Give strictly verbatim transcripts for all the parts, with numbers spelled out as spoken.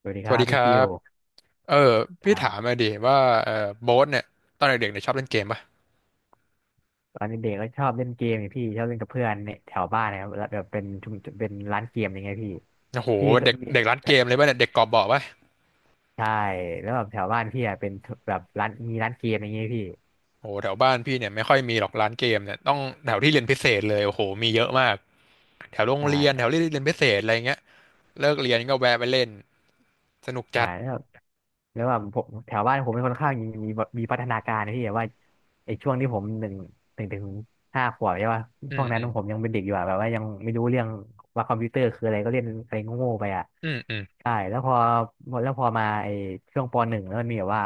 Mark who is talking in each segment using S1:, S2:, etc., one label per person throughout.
S1: สวัสดี
S2: ส
S1: ค
S2: วัส
S1: รับ
S2: ดีค
S1: พี่
S2: รั
S1: ฟิว
S2: บเออ
S1: ค
S2: พี่
S1: รั
S2: ถาม
S1: บ
S2: มาดิว่าเออโบ๊ทเนี่ยตอนเด็กๆเนี่ยชอบเล่นเกมป่ะ
S1: ตอนเด็กๆก็ชอบเล่นเกมนี่พี่ชอบเล่นกับเพื่อนเนี่ยแถวบ้านนะครับแล้วแบบเป็นชุมเป็นร้านเกมอย่างเงี้ยพี่
S2: โอ้โห
S1: พี่เคย
S2: เด็ก
S1: มี
S2: เด็กร้านเกมเลยป่ะเนี่ยเด็กกอบบ่อป่ะ
S1: ใช่แล้วแบบแถวบ้านพี่อะเป็นแบบร้านมีร้านเกมอย่างเงี้ยพี่
S2: โอ้โหแถวบ้านพี่เนี่ยไม่ค่อยมีหรอกร้านเกมเนี่ยต้องแถวที่เรียนพิเศษเลยโอ้โหมีเยอะมากแถวโรง
S1: ใช
S2: เรียนแถว
S1: ่
S2: ที่เรียนพิเศษอะไรเงี้ยเลิกเรียนก็แวะไปเล่นสนุก
S1: ใช่
S2: จัด
S1: แล้วแล้วว่าผมแถวบ้านผมเป็นค่อนข้างมีมีมีพัฒนาการนะพี่แบบว่าไอ้ช่วงที่ผมหนึ่งหนึ่งถึงห้าขวบใช่ป่ะ
S2: อื
S1: ช่ว
S2: ม
S1: ง
S2: อื
S1: นั้น
S2: ม
S1: ผมยังเป็นเด็กอยู่อะแบบว่ายังไม่รู้เรื่องว่าคอมพิวเตอร์คืออะไรก็เล่นอะไรโง่ๆไปอ่ะ
S2: อืมอืม
S1: ใช่แล้วพอแล้วพอมาไอ้ช่วงปอหนึ่งแล้วมันมีแบบว่า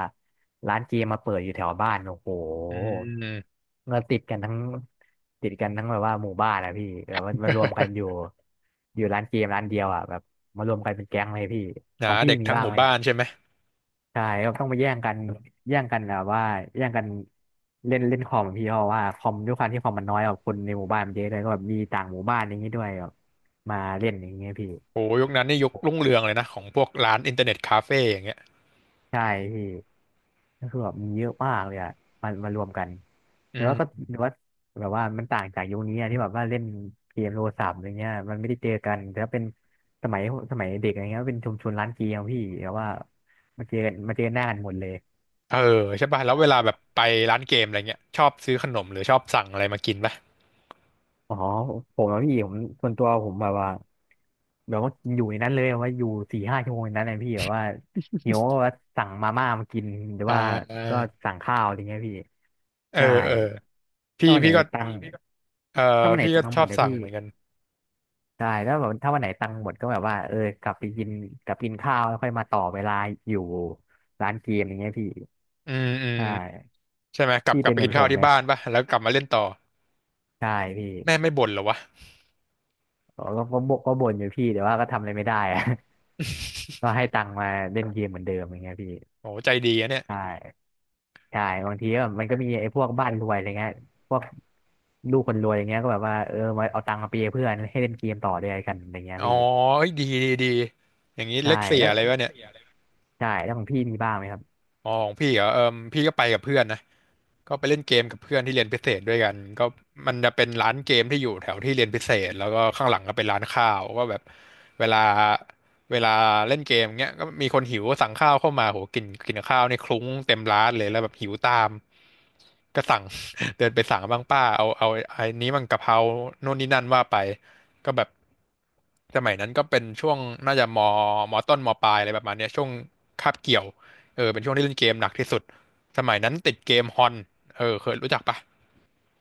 S1: ร้านเกมมาเปิดอยู่แถวบ้านโอ้โห
S2: อืม
S1: เงินติดกันทั้งติดกันทั้งแบบว่าหมู่บ้านอะพี่แบบว่ามารวมกันอยู่อยู่ร้านเกมร้านเดียวอะแบบมารวมกันเป็นแก๊งเลยพี่ข
S2: นะ
S1: องพี่
S2: เด็ก
S1: มี
S2: ทั้ง
S1: บ้า
S2: ห
S1: ง
S2: มู่
S1: ไหม
S2: บ้า
S1: อะ
S2: นใช่ไหม
S1: ใช่ก็ต้องไปแย่งกันแย่งกันแบบว่าแย่งกันเล่นเล่นคอมพี่เพราะว่าคอมด้วยความที่คอมมันน้อยกว่าคนในหมู่บ้านมันเยอะเลยก็แบบมีต่างหมู่บ้านอย่างนี้ด้วยแบบมาเล่นอย่างเงี้ยพี่
S2: โอ้โหยุคนั้นนี่ยุครุ่งเรืองเลยนะของพวกร้านอินเทอร์เน็ตคาเฟ่อย่างเงี้ย
S1: ใช่พี่ก็คือแบบมีเยอะมากเลยอะมามารวมกัน
S2: อื
S1: แต่ว่าก็
S2: ม
S1: แต่ว่าแบบว่ามันต่างจากยุคนี้อะที่แบบว่าเล่นเกมโทรศัพท์อะไรเงี้ยมันไม่ได้เจอกันแต่ว่าเป็นสมัยสมัยเด็กอะไรเงี้ยเป็นชุมชนร้านเกมพี่แต่ว่ามาเจอกันมาเจอหน้ากันหมดเลย
S2: เออใช่ป่ะแล้วเวลาแบบไปร้านเกมอะไรเงี้ยชอบซื้อขนมหรือชอบสั่งอะไรมากินป่ะ
S1: อ๋อผมอะพี่ผมส่วนตัวผมแบบว่าแบบว่ากินอยู่ในนั้นเลยแบบว่าอยู่สี่ห้าชั่วโมงในนั้นนะพี่แบบว่าหิวก็ว่าสั่งมาม่ามากินหรือ
S2: อ่
S1: ว่าก็
S2: า
S1: สั่งข้าวอะไรเงี้ยพี่
S2: เออ
S1: ใช่
S2: เออพี่
S1: ถ้าวันไหน
S2: พี่ก็
S1: ตังค์
S2: เออ
S1: ถ้าวันไหน
S2: พี่
S1: ตั
S2: ก็
S1: ง
S2: ช
S1: ค์หม
S2: อ
S1: ด
S2: บ
S1: เดี๋ยว
S2: สั่ง
S1: พี่
S2: เหมือนกัน
S1: ใช่แล้วแบบถ้าวันไหนตังค์หมดก็แบบว่าเออกลับไปกินกลับกินข้าวแล้วค่อยมาต่อเวลาอยู่ร้านเกมอย่างเงี้ยพี่
S2: อืมอืม
S1: ใช่
S2: อืมใช่ไหมกลับ
S1: พี่
S2: กลับ
S1: เป็น
S2: ไป
S1: เหมือ
S2: กิ
S1: น
S2: น
S1: ผ
S2: ข้าว
S1: มไห
S2: ที่
S1: ม
S2: บ้านป่ะแล้วกลับมาเล่นต่อ
S1: ใช่พี่
S2: แม่ไม่บ่นเหรอวะ
S1: ก็ก็ก็บ่ก็บ่นอยู่พี่แต่ว่าก็ทำอะไรไม่ได้อะ ก็ให้ตังค์มาเล่นเกมเหมือนเดิมอย่างเงี้ยพี่
S2: โอ้ใจดีอะเนี่ย
S1: ใช่ใช่บางทีก็มันก็มีไอ้พวกบ้านรวยอะไรเงี้ยพวกลูกคนรวยอย่างเงี้ยก็แบบว่าเออมาเอาตังค์มาเปยเพื่อนให้เล่นเกมต่อด้วยกันอะไรเงี้ย
S2: อ๋อ
S1: พี่
S2: เอ้ยดีดีดีอย่างนี้
S1: ใช่
S2: เล็กเสีย
S1: แล้ว
S2: อะไรวะเนี่ย
S1: ใช่แล้วของพี่มีบ้างไหมครับ
S2: อ๋อของพี่เหรอเออพี่ก็ไปกับเพื่อนนะ ก็ไปเล่นเกมกับเพื่อนที่เรียนพิเศษด้วยกันก็มันจะเป็นร้านเกมที่อยู่แถวที่เรียนพิเศษแล้วก็ข้างหลังก็เป็นร้านข้าวก็แบบเวลาเวลาเล่นเกมเงี้ยก็มีคนหิวก็สั่งข้าวเข้ามาโหกินกินข้าวนี่คลุ้งเต็มร้านเลยแล้วแบบหิวตาม ก็สั่ง เดินไปสั่งบ้างป้าเอาเอาไอ้นี้มันกะเพราโน่นนี่นั่นว่าไปก็แบบสมัยนั้นก็เป็นช่วงน่าจะมมต้นมปลายอะไรประมาณเนี้ยช่วงคาบเกี่ยวเออเป็นช่วงที่เล่นเกมหนักที่สุดสมัยนั้นติดเกมฮอน เออเคยรู้จักปะ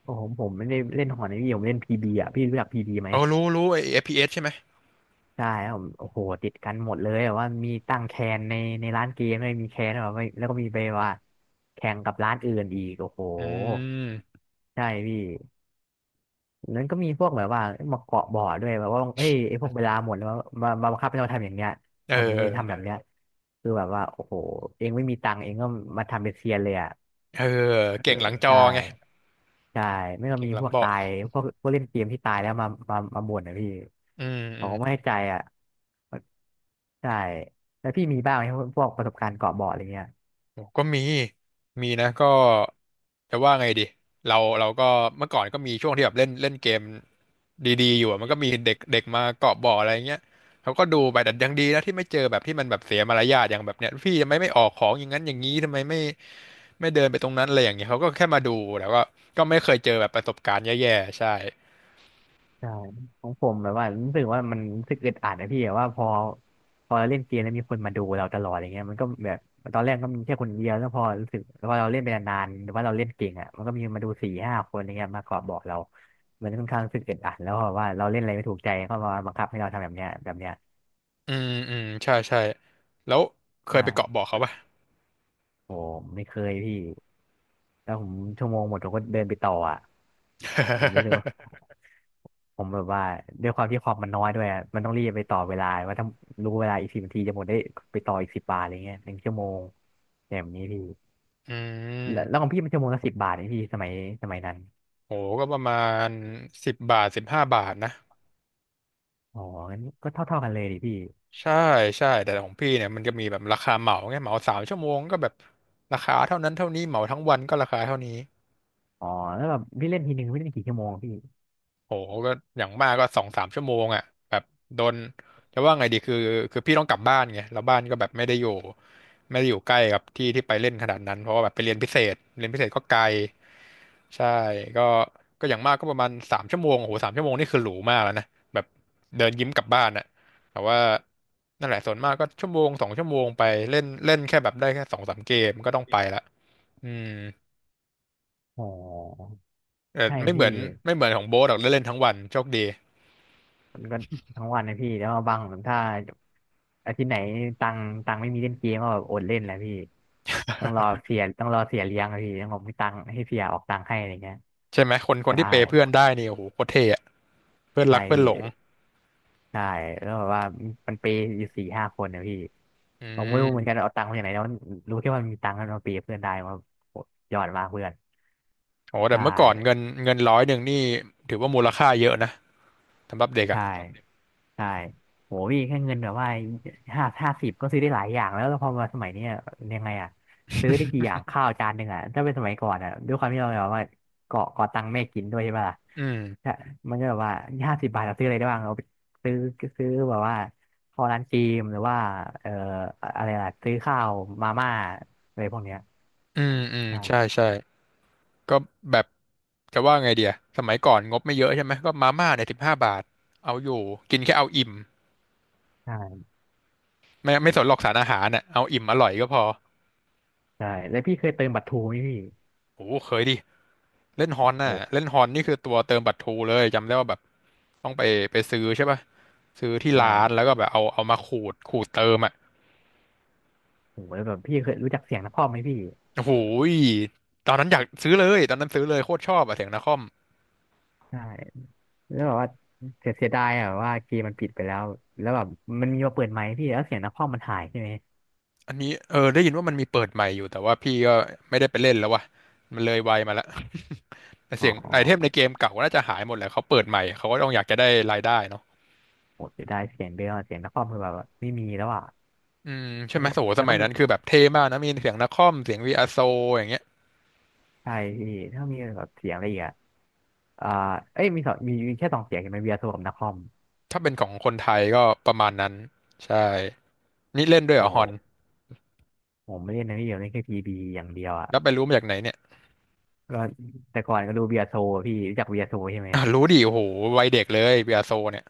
S1: โอ้โหผมไม่ได้เล่นหอนะพี่ผมเล่นพีบีอ่ะพี่รู้จักพีบีไหม
S2: เออรู้รู้ไอ้ เอฟ พี เอส ใช่ไหม
S1: ใช่ครับผมโอ้โหติดกันหมดเลยแบบว่ามีตั้งแคนในในร้านเกมด้วยมีแคนแบบว่าแล้วก็มีไปว่าแข่งกับร้านอื่นอีกโอ้โห
S2: อืม
S1: ใช่พี่นั้นก็มีพวกแบบว่ามาเกาะบ่อด้วยแบบว่าเอ้ยไอ้พวกเวลาหมดแล้วมามาบังคับให้เราทำอย่างเนี้ย
S2: เออ
S1: ทำอย่าง
S2: เอ
S1: นี้
S2: อ
S1: ทำแบบเนี้ยคือแบบว่าโอ้โหเองไม่มีตังค์เองก็มาทำเป็นเซียนเลยอ่ะ
S2: เออ
S1: เอ
S2: เก่งห
S1: อ
S2: ลังจอ
S1: ใช่
S2: ไง
S1: ใช่ไม่ก็
S2: เก่
S1: มี
S2: งหลั
S1: พ
S2: ง
S1: วก
S2: เบาะ
S1: ตายพวกพวกเล่นเกมที่ตายแล้วมามามาบ่นนะพี่
S2: อืมอื
S1: เขา
S2: ม
S1: ก็ไม่ให้ใจอ่ะใช่แล้วพี่มีบ้างไหมพวกพวกประสบการณ์เกาะเบาะอะไรเงี้ย
S2: โอ้ก็มีมีนะก็จะว่าไงดีเราเราก็เมื่อก่อนก็มีช่วงที่แบบเล่นเล่นเกมดีๆอยู่อะมันก็มีเด็กเด็กมาเกาะบ่ออะไรเงี้ยเขาก็ดูไปแต่ยังดีนะที่ไม่เจอแบบที่มันแบบเสียมารยาทอย่างแบบเนี้ยพี่ทำไมไม่ออกของอย่างนั้นอย่างนี้ทำไมไม่ไม่เดินไปตรงนั้นอะไรอย่างเงี้ยเขาก็แค่มาดูแล้วก็ก็ไม่เคยเจอแบบประสบการณ์แย่ๆใช่
S1: ใช่ของผมแบบว่ารู้สึกว่ามันรู้สึกอึดอัดนะพี่แบบว่าพอพอเราเล่นเกมแล้วมีคนมาดูเราตลอดอย่างเงี้ยมันก็แบบตอนแรกก็มีแค่คนเดียวแล้วพอรู้สึกพอเราเล่นไปนานๆหรือว่าเราเล่นเก่งอ่ะมันก็มีมาดูสี่ห้าคนอย่างเงี้ยมาขอบอกเรามันค่อนข้างรู้สึกอึดอัดแล้วเพราะว่าเราเล่นอะไรไม่ถูกใจก็มาบังคับให้เราทำแบบเนี้ยแบบเนี้ย
S2: อืมอืมใช่ใช่แล้วเคยไปเกาะ
S1: ใช่
S2: บ่อเขาป่ะ
S1: โอ้ไม่เคยพี่แล้วผมชั่วโมงหมดผมก็เดินไปต่ออ่ะผมรู้สึกว่า ผมแบบว่าด้วยความที่คอมมันน้อยด้วยอะมันต้องรีบไปต่อเวลาว่าถ้ารู้เวลาอีกสิบนาทีจะหมดได้ไปต่ออีกสิบบาทอะไรเงี้ยหนึ่งชั่วโมงอย่างแบบนี้พี่
S2: อื
S1: แล้วแล้วข
S2: ม
S1: องพี่มันชั่วโมงละสิบบาทนี่พี่สมัยสมัยนั้น
S2: โหก็ประมาณสิบบาทสิบห้าบาทนะ
S1: อ๋องั้นก็เท่าเท่ากันเลยดิพี่
S2: ใช่ใช่แต่ของพี่เนี่ยมันจะมีแบบราคาเหมาไงเหมาสามชั่วโมงก็แบบราคาเท่านั้นเท่านี้เหมาทั้งวันก็ราคาเท่านี้
S1: อ๋อแล้วแบบพี่เล่นทีหนึ่งพี่เล่นกี่ชั่วโมงพี่
S2: โหก็อย่างมากก็สองสามชั่วโมงอ่ะแบบโดนจะว่าไงดีคือคือพี่ต้องกลับบ้านไงแล้วบ้านก็แบบไม่ได้อยู่ไม่ได้อยู่ใกล้กับที่ที่ไปเล่นขนาดนั้นเพราะว่าแบบไปเรียนพิเศษเรียนพิเศษก็ไกลใช่ก็ก็อย่างมากก็ประมาณสามชั่วโมงโอ้โหสามชั่วโมงนี่คือหรูมากแล้วนะแบบเดินยิ้มกลับบ้านอ่ะแต่ว่านั่นแหละส่วนมากก็ชั่วโมงสองชั่วโมงไปเล่นเล่นแค่แบบได้แค่สองสามเกมก็ต้องไปละอืม
S1: อ๋อ
S2: เออ
S1: ใช่
S2: ไม่เหมื
S1: พี่
S2: อนไม่เหมือนของโบ๊ทหรอกได้เล่นทั้งวันโชคดี
S1: มันก็ทั้งวันนะพี่แล้วบางถ้าอาทิตย์ไหนตังตังไม่มีเล่นเกมก็แบบอดเล่นแหละพี่ต้องรอเสียต้องรอเสียเลี้ยงอะพี่ต้องบอกมีตังให้เสียออกตังให้อะไรเงี้ย
S2: ใช่ไหมคนคน
S1: ใช่
S2: ที่เปย์เพื่อนได้นี่โอ้โหโคตรเท่อะเพื่อน
S1: ใช่
S2: รักเพื่อน
S1: พี่
S2: หลง
S1: ใช่แล้วแบบว่ามันเปย์อยู่สี่ห้าคนนะพี่
S2: อื
S1: ผมไม่รู้เหมือนกัน
S2: ม
S1: เอาตังค์มาจากไหนแล้วรู้แค่ว่ามันมีตังค์แล้วมาเปย์เพื่อนได้ว่าโหยอดมากเพื่อน
S2: โอ้แต่
S1: ใช่
S2: เมื่อก่อนเงินเงินร้อยหนึ่งนี่ถือว่ามูลค่าเยอะนะสำหรับเด็กอ่ะ
S1: ใช่ใช่โหพี่แค่เงินแบบว่าห้าห้าสิบก็ซื้อได้หลายอย่างแล้วแล้วพอมาสมัยเนี้ยยังไงอ่ะซื้อได้กี่อย่างข้าวจานหนึ่งอ่ะถ้าเป็นสมัยก่อนอ่ะด้วยความที่เราแบบว่าเกาะเกาะตังค์แม่กินด้วยใช่ปะล่ะ
S2: อืม
S1: ใช่มันก็แบบว่าห้าสิบบาทเราซื้ออะไรได้บ้างเราไปซื้อซื้อแบบว่าข้าวร้านจีมหรือว่าเอ่ออะไรล่ะซื้อข้าวมาม่าอะไรพวกเนี้ย
S2: อืมอืมใช่
S1: ใช่
S2: ใช่ก็แบบจะว่าไงเดียสมัยก่อนงบไม่เยอะใช่ไหมก็มาม่าเนี่ยสิบห้าบาทเอาอยู่กินแค่เอาอิ่ม
S1: ใช่
S2: ไม่ไม่สนหรอกสารอาหารน่ะเอาอิ่มอร่อยก็พอ
S1: ใช่แล้วพี่เคยเติมบัตรทูไหมพี่
S2: โอ้โหเคยดิเล่นฮอน
S1: โอ
S2: น่ะ
S1: ้
S2: เล่นฮอนนี่คือตัวเติมบัตรทรูเลยจำได้ว่าแบบต้องไปไปซื้อใช่ป่ะซื้อที่
S1: ใช
S2: ร้านแล้ว
S1: ่
S2: ก็แบบเอาเอามาขูดขูดเติมอ่ะ
S1: โหแล้วแบบพี่เคยรู้จักเสียงนครไหมพี่
S2: โอ้โหยตอนนั้นอยากซื้อเลยตอนนั้นซื้อเลยโคตรชอบอะเสียงนาคอม
S1: ใช่ แล้วแบบว่าเสียเสียดายอะแบบว่าเกมมันปิดไปแล้วแล้วแบบมันมีมาเปิดไหมพี่แล้วเสียงนักคอมมันหายใช่ไหม
S2: อันนี้เออได้ยินว่ามันมีเปิดใหม่อยู่แต่ว่าพี่ก็ไม่ได้ไปเล่นแล้ววะมันเลยวัยมาละแต่
S1: อ๋
S2: เสี
S1: อ
S2: ยงไอเทมในเกมเก่าน่าจะหายหมดแหละเขาเปิดใหม่เขาก็ต้องอยากจะได้รายได้เนาะ
S1: โหเสียดายเสียงเบลอะเสียงนักคอมคือแบบว่าไม่มีแล้วอ่ะ
S2: อืมใช่
S1: แล้
S2: ไห
S1: ว
S2: ม
S1: ก็
S2: โอ้โหส
S1: แล้ว
S2: มั
S1: ก็
S2: ย
S1: มี
S2: นั้นคือแบบเท่มากนะมีเสียงนาคอมเสียงวีอาโซอย่างเงี้ย
S1: ใช่พี่ถ้ามีแบบเสียงอะไรอีกอ่ะอ่าเอ้ยมีสองมีมีแค่สองเสียงเห็นไหมเบียร์โทรกับนักคอม
S2: ถ้าเป็นของคนไทยก็ประมาณนั้นใช่นี่เล่นด้วยเหร
S1: โอ้
S2: อฮอน
S1: หผมไม่เล่นนะพี่เดียวเล่นแค่พีบีอย่างเดียวอ่ะ
S2: แล้วไปรู้มาจากไหนเนี่ย
S1: ก็แต่ก่อนก็ดูเบียร์โทรอะพี่รู้จักเบียร์โทรใช่ไหม
S2: อ่ะรู้ดิโอ้โหวัยเด็กเลยวีอาโซเนี่ย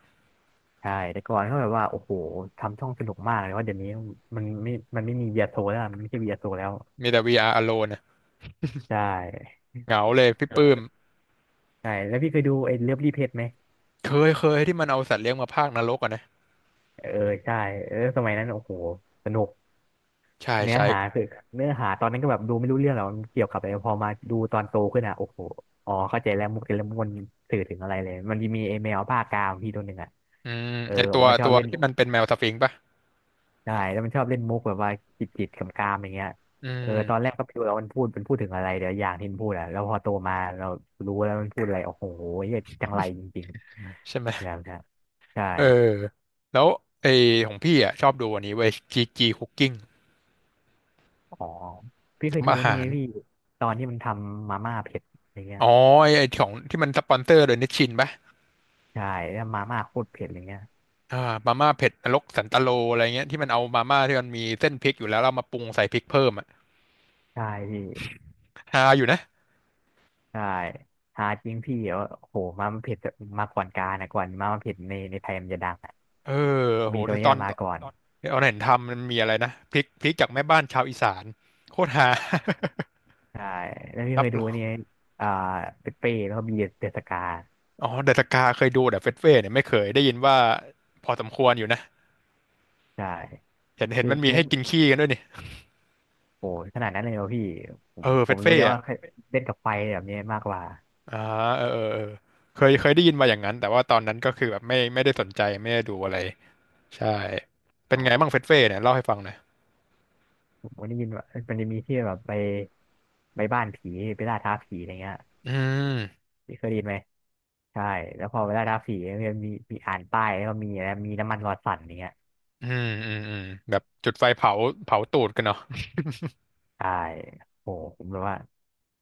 S1: ใช่แต่ก่อนก็แบบว่าโอ้โหทำช่องสนุกมากเลยว่าเดี๋ยวนี้มันไม่มันไม่มีเบียร์โซแล้วอะมันไม่ใช่เบียร์โซแล้ว
S2: มีแต่ วี อาร์ Alone เนี่ย
S1: ใช่
S2: เหงาเลยพี่
S1: อ
S2: ปื้
S1: ย
S2: ม
S1: ใช่แล้วพี่เคยดูไอ้เลิฟรีเพจไหม
S2: เคยเคยที่มันเอาสัตว์เลี้ยงมาพากนรกอ่ะนะ
S1: เออใช่เออสมัยนั้นโอ้โหสนุก
S2: ใช่
S1: เนื้อ
S2: ใช่
S1: หาคือเนื้อหาตอนนั้นก็แบบดูไม่รู้เรื่องหรอกมันเกี่ยวกับอะไรพอมาดูตอนโตขึ้นอ่ะโอ้โหอ๋อเข้าใจแล้วมุกแต่ละมุกมันสื่อถึงอะไรเลยมันมีไอ้แมวภาคกามพี่ตัวหนึ่งอ่ะ
S2: อืม
S1: เออ
S2: ไอตัว
S1: มันชอ
S2: ตั
S1: บ
S2: ว
S1: เล่น
S2: ที่มันเป็นแมวสฟิงค์ป่ะ
S1: ใช่แล้วมันชอบเล่นมุกแบบว่าจิตจิตกำกามๆอย่างเงี้ย
S2: อื
S1: เออ
S2: ม
S1: ตอนแรกก็ไม่รู้แล้วมันพูดมันพูดถึงอะไรเดี๋ยวอย่างที่มันพูดอ่ะแล้วพอโตมาเรารู้แล้วมันพูดอะไรโอ้โหเหี้ยจังไรจริง
S2: ใช่ไหม
S1: ๆแล้วนะใช่
S2: เออแล้วไอของพี่อ่ะชอบดูอันนี้เว้ยจีจีคุกกิ้ง
S1: อ๋อพี่เคย
S2: ทำ
S1: ดู
S2: อา
S1: นี่
S2: หา
S1: ไง
S2: ร
S1: พี่ตอนที่มันทำมาม่าเผ็ดอย่างเงี้ย
S2: อ๋อไอไอ้ของที่มันสปอนเซอร์โดยนิชชินป่ะ
S1: ใช่แล้วมาม่าโคตรเผ็ดอย่างเงี้ย
S2: อ่ามาม่าเผ็ดนรกสันตโลอะไรเงี้ยที่มันเอามาม่าที่มันมีเส้นพริกอยู่แล้วเรามาปรุงใส่พริกเพิ่มอ่ะ
S1: ใช่พี่
S2: ฮาอยู่นะ
S1: ใช่หาจริงพี่เออโอ้โหมาม่าเผ็ดมาก่อนการนะก่อนมาม่าเผ็ดในในไทยมันจะดังอะ
S2: เออโห
S1: มีตัว
S2: ต
S1: เนี้ย
S2: อน
S1: มา
S2: ตอ
S1: ก่อน
S2: นเห็นทำมันมีอะไรนะพริกพริกจากแม่บ้านชาวอีสานโคตรฮา
S1: ใช่แล้ว พี่
S2: รั
S1: เค
S2: บ
S1: ยดู
S2: รอง
S1: นี่ไงอ่าเปเป้แล้วก็บีเดสกา
S2: อ๋อเดอะสกาเคยดูแต่เฟสเฟ่เนี่ยไม่เคยได้ยินว่าพอสมควรอยู่นะ
S1: ใช่
S2: เห็นเห็น
S1: คือ
S2: มันมี
S1: มุ
S2: ให้
S1: ก
S2: กินขี้กันด้วยนี่
S1: โอ้โหขนาดนั้นเลยเหรอพี่ผ
S2: เอ
S1: ม
S2: อ
S1: ผ
S2: เฟ
S1: ม
S2: ส
S1: รู้
S2: เฟ่
S1: เลยว่า
S2: อะ
S1: เล่นกับไฟแบบนี้มากกว่า
S2: อ่าเออเออเออเคยเคยได้ยินมาอย่างนั้นแต่ว่าตอนนั้นก็คือแบบไม่ไม่ได้สนใจไม่ได้ดูอะไรใช่เป็นไงบ้างเฟสเฟ่เนี่ยเล่าให้ฟังหน่อย
S1: ผมก็ได้ยินว่ามันจะมีที่แบบไปไปบ้านผีไปล่าท้าผีอะไรเงี้ย
S2: อืม
S1: พี่เคยได้ยินไหมใช่แล้วพอไปล่าท้าผีมันจะมีมีอ่านป้ายแล้วก็มีอะไรมีน้ำมันรอสั่นอย่างเงี้ย
S2: อืมอืมอืมแบบจุดไฟเผาเผาตูดกันเนาะ
S1: ใช่โอ้โหผมแบบว่า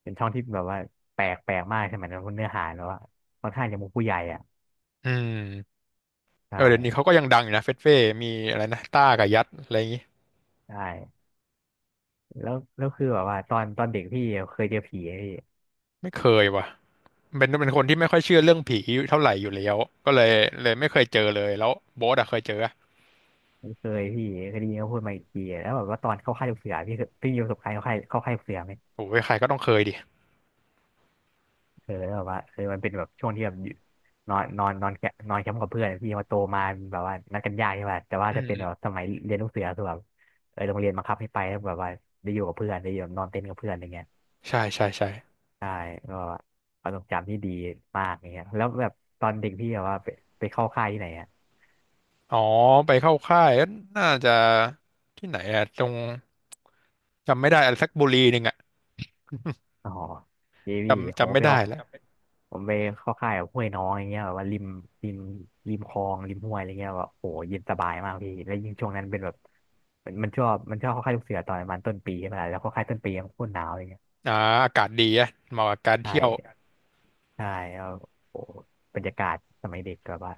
S1: เป็นช่องที่แบบว่าแปลกแปลกมากใช่ไหมนั้นเนื้อหาแล้วว่าค่อนข้างจะมุกผู้ใหญ่อ่ะ
S2: อืมเอ
S1: ใช่
S2: อเดี๋ยวนี้เขาก็ยังดังอยู่นะเฟสเฟ่มีอะไรนะต้ากับยัดอะไรอย่างงี้
S1: ใช่แล้วแล้วคือแบบว่าตอนตอนเด็กพี่เคยเจอผีไหมพี่
S2: ไม่เคยว่ะ เป็นเป็นคนที่ไม่ค่อยเชื่อเรื่องผีเท่าไหร่อยู่แล้วก็เลยเลยไม่เคยเจอเลยแล้วโบ๊ทอะเคยเจออะ
S1: ไม่เคยพี่เคยได้ยินเขาพูดมาอีกทีแล้วแบบว่าตอนเข้าค่ายลูกเสือพี่เคยพี่มีประสบการณ์เข้าค่ายเข้าค่ายลูกเสือไหม
S2: โอ้ยใครก็ต้องเคยดิ
S1: เออแล้วแบบว่าเออมันเป็นแบบช่วงที่แบบอยู่นอนนอนนอนแคมป์นอนแคมป์กับเพื่อนพี่มาโตมาแบบว่านัดกันยากใช่ป่ะแต่ว่า
S2: อื
S1: ถ้า
S2: ม
S1: เป็น
S2: อื
S1: แบ
S2: ม
S1: บสมัยเรียนลูกเสือคือแบบเออโรงเรียนบังคับให้ไปแล้วแบบว่าได้อยู่กับเพื่อนได้อยู่นอนเต็นท์กับเพื่อนอะไรเงี้ย
S2: ใช่ใช่ใช่
S1: ใช่ก็ประสบการณ์ที่ดีมากอย่างเงี้ยแล้วแบบตอนเด็กพี่แบบว่าไปไปเข้าค่ายที่ไหนอ่ะ
S2: อ๋อไปเข้าค่ายน่าจะที่ไหนอะตรงจำไม่ได้อะไรสักบุรีหนึ่งอะ
S1: อ๋อเจวี
S2: จำ
S1: ผม
S2: จำ
S1: ก็
S2: ไม่
S1: ไป
S2: ได้
S1: เข้า
S2: แล้ว
S1: ผมไปเข้าค่ายแบบห้วยน้องอย่างเงี้ยแบบว่าริมริมริมคลองริมห้วยอะไรเงี้ยแบบโอ้โหเย็นสบายมากพี่แล้วยิ่งช่วงนั้นเป็นแบบมันมันชอบมันชอบเข้าค่ายลูกเสือตอนประมาณต้นปีใช่ไหมล่ะแล้วเข้าค่ายต้นปีมันโคตรหนาวเลยเงี้ย
S2: อ่าอากาศดีอะเหมาะกับการ
S1: ใช่
S2: เที่ยว
S1: ใช่แล้วโอ้โหบรรยากาศสมัยเด็กแบบว่า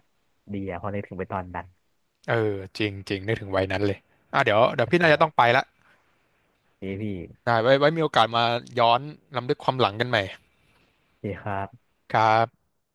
S1: ดีอะพอได้ถึงไปตอนนั้น
S2: เออจริงจริงนึกถึงวัยนั้นเลยอ่ะเดี๋ยวเดี๋ยวพี่น่า
S1: ใช่
S2: จะต้องไปละ
S1: ดีพี่
S2: ได้ไว้ไว้มีโอกาสมาย้อนรำลึกความหลังกันใหม่
S1: ดีครับ
S2: ครับ